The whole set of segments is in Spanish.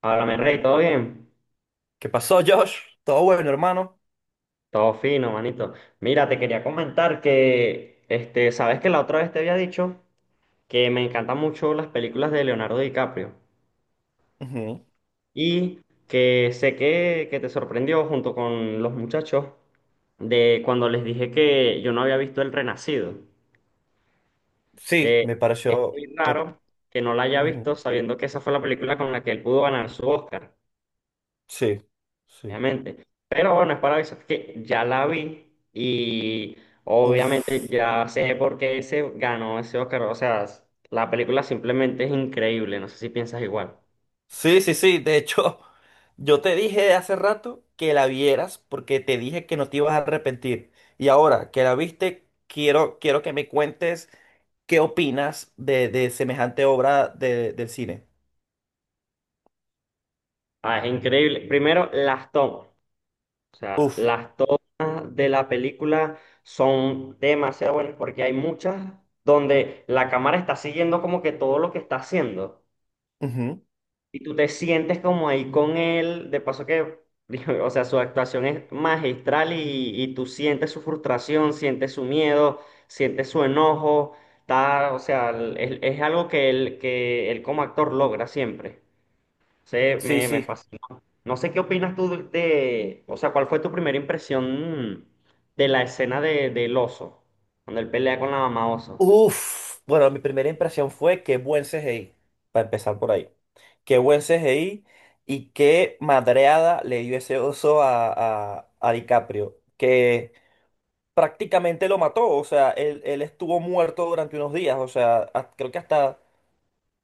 Háblame, Rey, ¿todo bien? ¿Qué pasó, Josh? Todo bueno, hermano. Todo fino, manito. Mira, te quería comentar que sabes que la otra vez te había dicho que me encantan mucho las películas de Leonardo DiCaprio Ujú. y que sé que te sorprendió junto con los muchachos de cuando les dije que yo no había visto El Renacido, Sí, que me es pareció. muy raro que no la haya Ujú. visto sabiendo que esa fue la película con la que él pudo ganar su Oscar. Sí, sí. Obviamente. Pero bueno, es para eso que ya la vi y obviamente Uf. ya sé por qué se ganó ese Oscar. O sea, la película simplemente es increíble. No sé si piensas igual. Sí, sí, sí. De hecho, yo te dije de hace rato que la vieras porque te dije que no te ibas a arrepentir. Y ahora que la viste, quiero que me cuentes qué opinas de semejante obra del cine. Ah, es increíble. Primero, las tomas. O sea, Uf. las tomas de la película son demasiado buenas porque hay muchas donde la cámara está siguiendo como que todo lo que está haciendo. Ujú. Y tú te sientes como ahí con él, de paso que, o sea, su actuación es magistral y tú sientes su frustración, sientes su miedo, sientes su enojo, está, o sea, es, algo que él como actor logra siempre. Se, Sí, me, me sí. fascinó. No sé qué opinas tú de- o sea, ¿cuál fue tu primera impresión de la escena de, del oso, cuando él pelea con la mamá oso? Uf, bueno, mi primera impresión fue qué buen CGI, para empezar por ahí. Qué buen CGI y qué madreada le dio ese oso a DiCaprio, que prácticamente lo mató. O sea, él estuvo muerto durante unos días. O sea, creo que hasta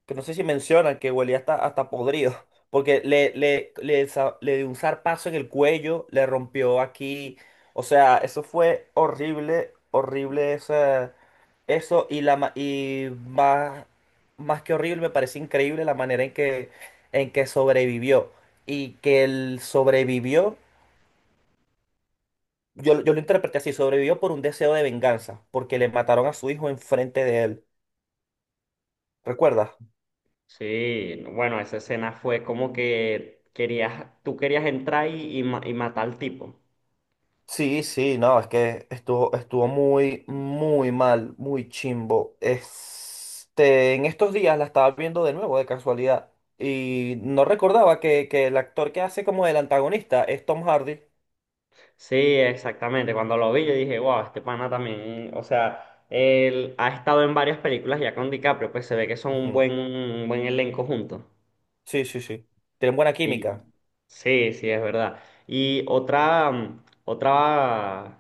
que no sé si mencionan que huelía hasta podrido, porque le dio un zarpazo en el cuello, le rompió aquí. O sea, eso fue horrible, horrible esa- eso, y, la, ma- Y más, más que horrible, me parece increíble la manera en que sobrevivió, y que él sobrevivió. Yo lo interpreté así, sobrevivió por un deseo de venganza, porque le mataron a su hijo enfrente de él, ¿recuerdas? Sí, no, bueno, esa escena fue como que querías, tú querías entrar y y matar al tipo. Sí, sí, no, es que estuvo muy, muy mal, muy chimbo. Este, en estos días la estaba viendo de nuevo de casualidad y no recordaba que el actor que hace como el antagonista es Tom Hardy. Sí, exactamente. Cuando lo vi, yo dije, wow, este pana también, o sea, él ha estado en varias películas ya con DiCaprio, pues se ve que son Ujú. Un buen elenco juntos. Sí, sí, sí. Tienen buena Y química. sí, sí, es verdad. Y otra, otra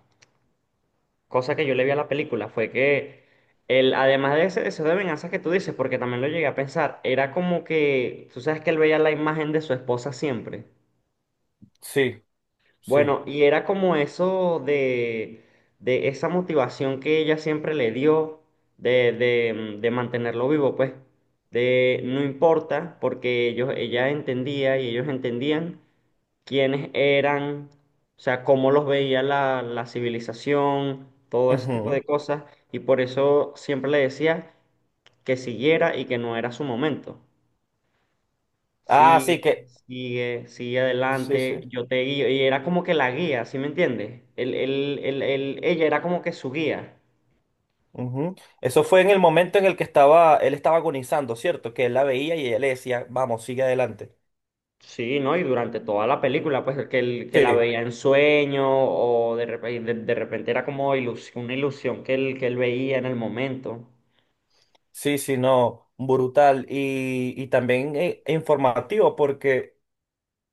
cosa que yo le vi a la película fue que él, además de ese deseo de venganza que tú dices, porque también lo llegué a pensar, era como que, tú sabes que él veía la imagen de su esposa siempre. Sí, sí. Bueno, y era como eso de esa motivación que ella siempre le dio de mantenerlo vivo, pues, de no importa, porque ellos, ella entendía y ellos entendían quiénes eran, o sea, cómo los veía la civilización, todo ese tipo Ujú. de cosas, y por eso siempre le decía que siguiera y que no era su momento. Ah, sí, Sigue, que... sigue, sigue Sí, adelante, sí. yo te guío, y era como que la guía, ¿sí me entiendes? Ella era como que su guía. Ujú. Eso fue en el momento en el que estaba, él estaba agonizando, ¿cierto? Que él la veía y ella le decía, vamos, sigue adelante. Sí, ¿no? Y durante toda la película, pues que, él- que la Sí. veía en sueño o de repente, de repente era como ilusión, una ilusión que él veía en el momento. Sí, sí, no, brutal y también informativo porque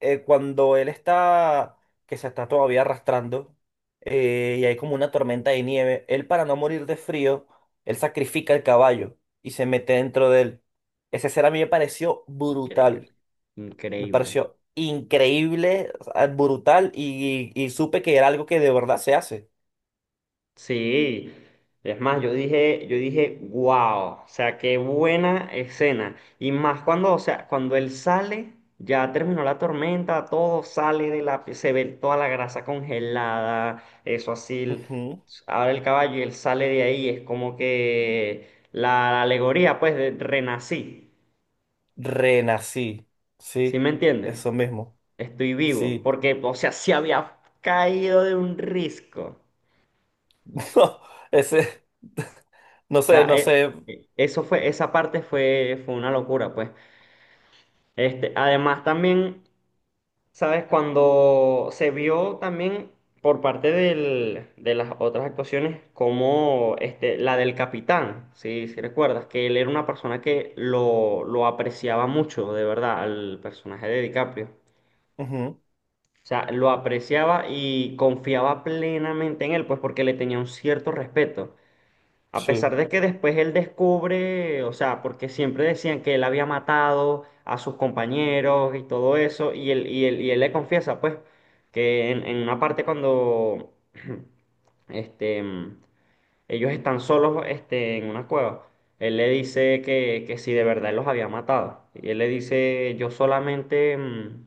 cuando él está, que se está todavía arrastrando y hay como una tormenta de nieve, él, para no morir de frío, él sacrifica el caballo y se mete dentro de él. Esa escena a mí me pareció Increíble, brutal, me increíble. pareció increíble. O sea, brutal y, y supe que era algo que de verdad se hace. Sí, es más, yo dije, wow, o sea, qué buena escena. Y más cuando, o sea, cuando él sale, ya terminó la tormenta, todo sale de la, se ve toda la grasa congelada, eso así. Ujú. Ahora el caballo y él sale de ahí, es como que la alegoría, pues, de renací. Renací, ¿Sí sí, me entiendes? eso mismo, Estoy vivo, sí. porque, o sea, se había caído de un risco. No, ese, no O sea, sé, no sé. Eso fue, esa parte fue, fue una locura, pues. Este, además también, ¿sabes? Cuando se vio también por parte del- de las otras actuaciones, como este, la del capitán, si recuerdas, que él era una persona que lo apreciaba mucho, de verdad, al personaje de DiCaprio. Ujú, O sea, lo apreciaba y confiaba plenamente en él, pues porque le tenía un cierto respeto. A sí. pesar de que después él descubre, o sea, porque siempre decían que él había matado a sus compañeros y todo eso, y él le confiesa, pues, que en una parte cuando este, mm, ellos están solos este, en una cueva, él le dice que si de verdad él los había matado. Y él le dice, yo solamente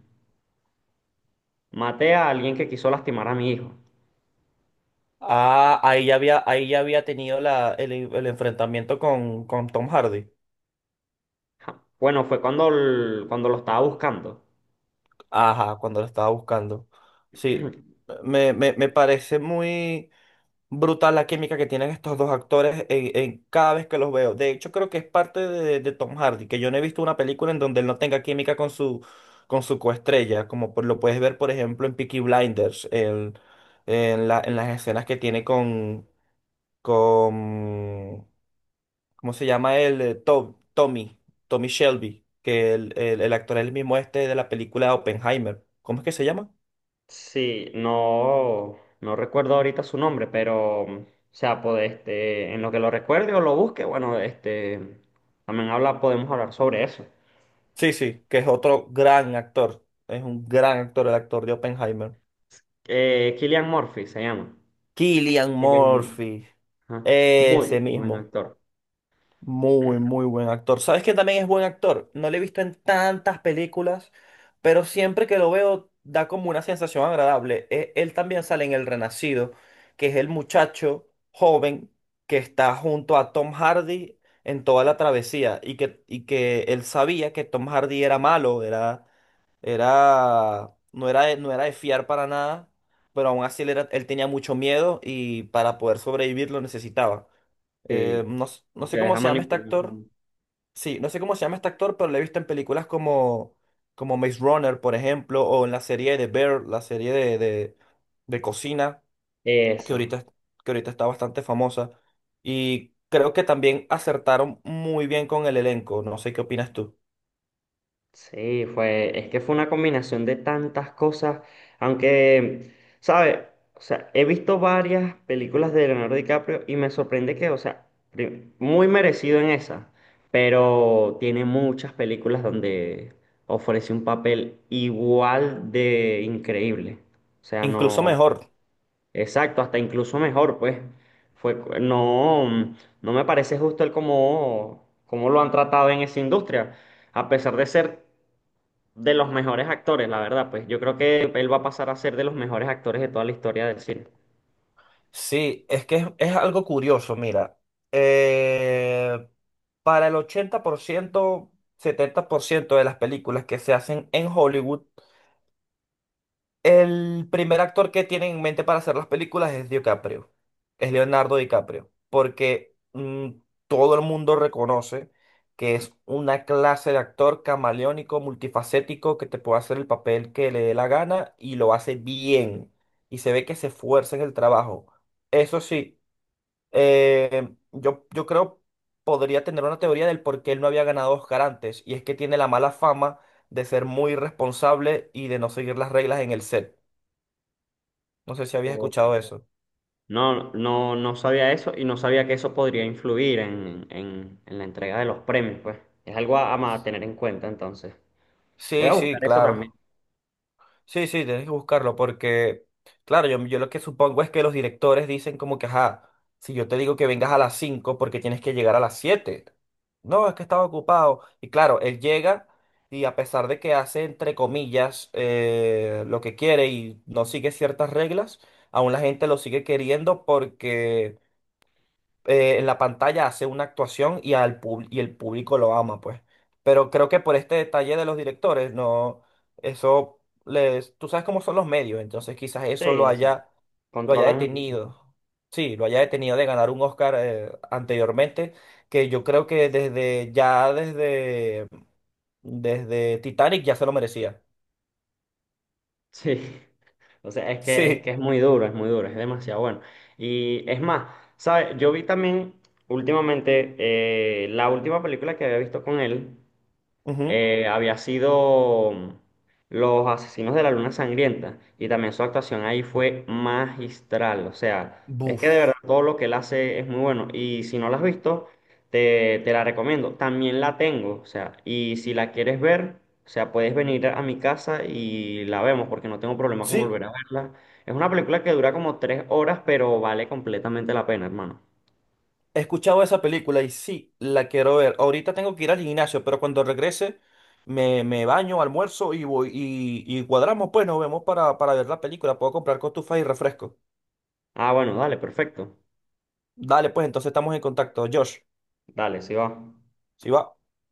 maté a alguien que quiso lastimar a mi hijo. Ah, ahí ya había tenido el enfrentamiento con Tom Hardy. Ja. Bueno, fue cuando, el- cuando lo estaba buscando. Ajá, cuando lo estaba buscando. Sí, me parece muy... brutal la química que tienen estos dos actores en cada vez que los veo. De hecho, creo que es parte de Tom Hardy, que yo no he visto una película en donde él no tenga química con con su coestrella, como lo puedes ver, por ejemplo, en Peaky Blinders, en las escenas que tiene con, ¿cómo se llama él? Tommy, Tommy Shelby, que el actor es el mismo este de la película Oppenheimer. ¿Cómo es que se llama? Sí, no, no recuerdo ahorita su nombre, pero, o sea, pues, este, en lo que lo recuerde o lo busque, bueno, este, también habla, podemos hablar sobre eso. Sí, sí, que es otro gran actor. Es un gran actor, el actor de Oppenheimer. Cillian Murphy se llama. Killian Cillian Murphy. Murphy. Ajá. Ese Muy buen mismo. actor. Muy, muy buen actor. ¿Sabes que también es buen actor? No lo he visto en tantas películas, pero siempre que lo veo da como una sensación agradable. Él también sale en El Renacido, que es el muchacho joven que está junto a Tom Hardy en toda la travesía, y que él sabía que Tom Hardy era malo, era era, no era de, no era de fiar para nada, pero aún así él, él tenía mucho miedo y para poder sobrevivir lo necesitaba. Sí, No y se sé cómo deja se llama este manipular. Por- actor. Sí, no sé cómo se llama este actor, pero lo he visto en películas como, como Maze Runner, por ejemplo, o en la serie de Bear, la serie de cocina, que eso. Que ahorita está bastante famosa. Y creo que también acertaron muy bien con el elenco. No sé qué opinas tú. Sí, fue, es que fue una combinación de tantas cosas, aunque, ¿sabes? O sea, he visto varias películas de Leonardo DiCaprio y me sorprende que, o sea, prim- muy merecido en esa, pero tiene muchas películas donde ofrece un papel igual de increíble. O sea, Incluso no, mejor. exacto, hasta incluso mejor, pues. Fue, cu- no, no me parece justo el cómo, cómo lo han tratado en esa industria a pesar de ser de los mejores actores, la verdad, pues yo creo que él va a pasar a ser de los mejores actores de toda la historia del cine. Sí, es que es algo curioso, mira. eh, para el 80%, 70% de las películas que se hacen en Hollywood, el primer actor que tienen en mente para hacer las películas es DiCaprio, es Leonardo DiCaprio, porque todo el mundo reconoce que es una clase de actor camaleónico, multifacético, que te puede hacer el papel que le dé la gana y lo hace bien. Y se ve que se esfuerza en el trabajo. Eso sí, yo creo podría tener una teoría del por qué él no había ganado Oscar antes, y es que tiene la mala fama de ser muy irresponsable y de no seguir las reglas en el set. No sé si habías O- escuchado eso. no, no, no sabía eso y no sabía que eso podría influir en la entrega de los premios, pues. Es algo a tener en cuenta, entonces. Voy Sí, a sí, buscar eso también. claro. Sí, sí, tienes que buscarlo porque, claro, yo lo que supongo es que los directores dicen como que, ajá, si yo te digo que vengas a las 5 porque tienes que llegar a las 7. No, es que estaba ocupado. Y claro, él llega, y a pesar de que hace, entre comillas, lo que quiere y no sigue ciertas reglas, aún la gente lo sigue queriendo porque en la pantalla hace una actuación, y y el público lo ama, pues. Pero creo que por este detalle de los directores, no, eso les, tú sabes cómo son los medios, entonces quizás Sí, eso exacto. Lo haya Controlan mucho. detenido. Sí, lo haya detenido de ganar un Oscar anteriormente, que yo creo que desde Titanic ya se lo merecía. Sí. O sea, es que, es que Sí. es muy duro, es muy duro, es demasiado bueno. Y es más, ¿sabes? Yo vi también últimamente la última película que había visto con él. Ujú. Había sido Los Asesinos de la Luna Sangrienta y también su actuación ahí fue magistral, o sea, es que de verdad Buf. todo lo que él hace es muy bueno y si no la has visto, te la recomiendo, también la tengo, o sea, y si la quieres ver, o sea, puedes venir a mi casa y la vemos porque no tengo problema con Sí, volver a verla. Es una película que dura como 3 horas, pero vale completamente la pena, hermano. he escuchado esa película y sí, la quiero ver. Ahorita tengo que ir al gimnasio, pero cuando regrese me baño, almuerzo y voy, y cuadramos, pues nos vemos para ver la película. Puedo comprar cotufas y refresco. Ah, bueno, dale, perfecto. Dale, pues entonces estamos en contacto. Josh, Dale, sí va. si va.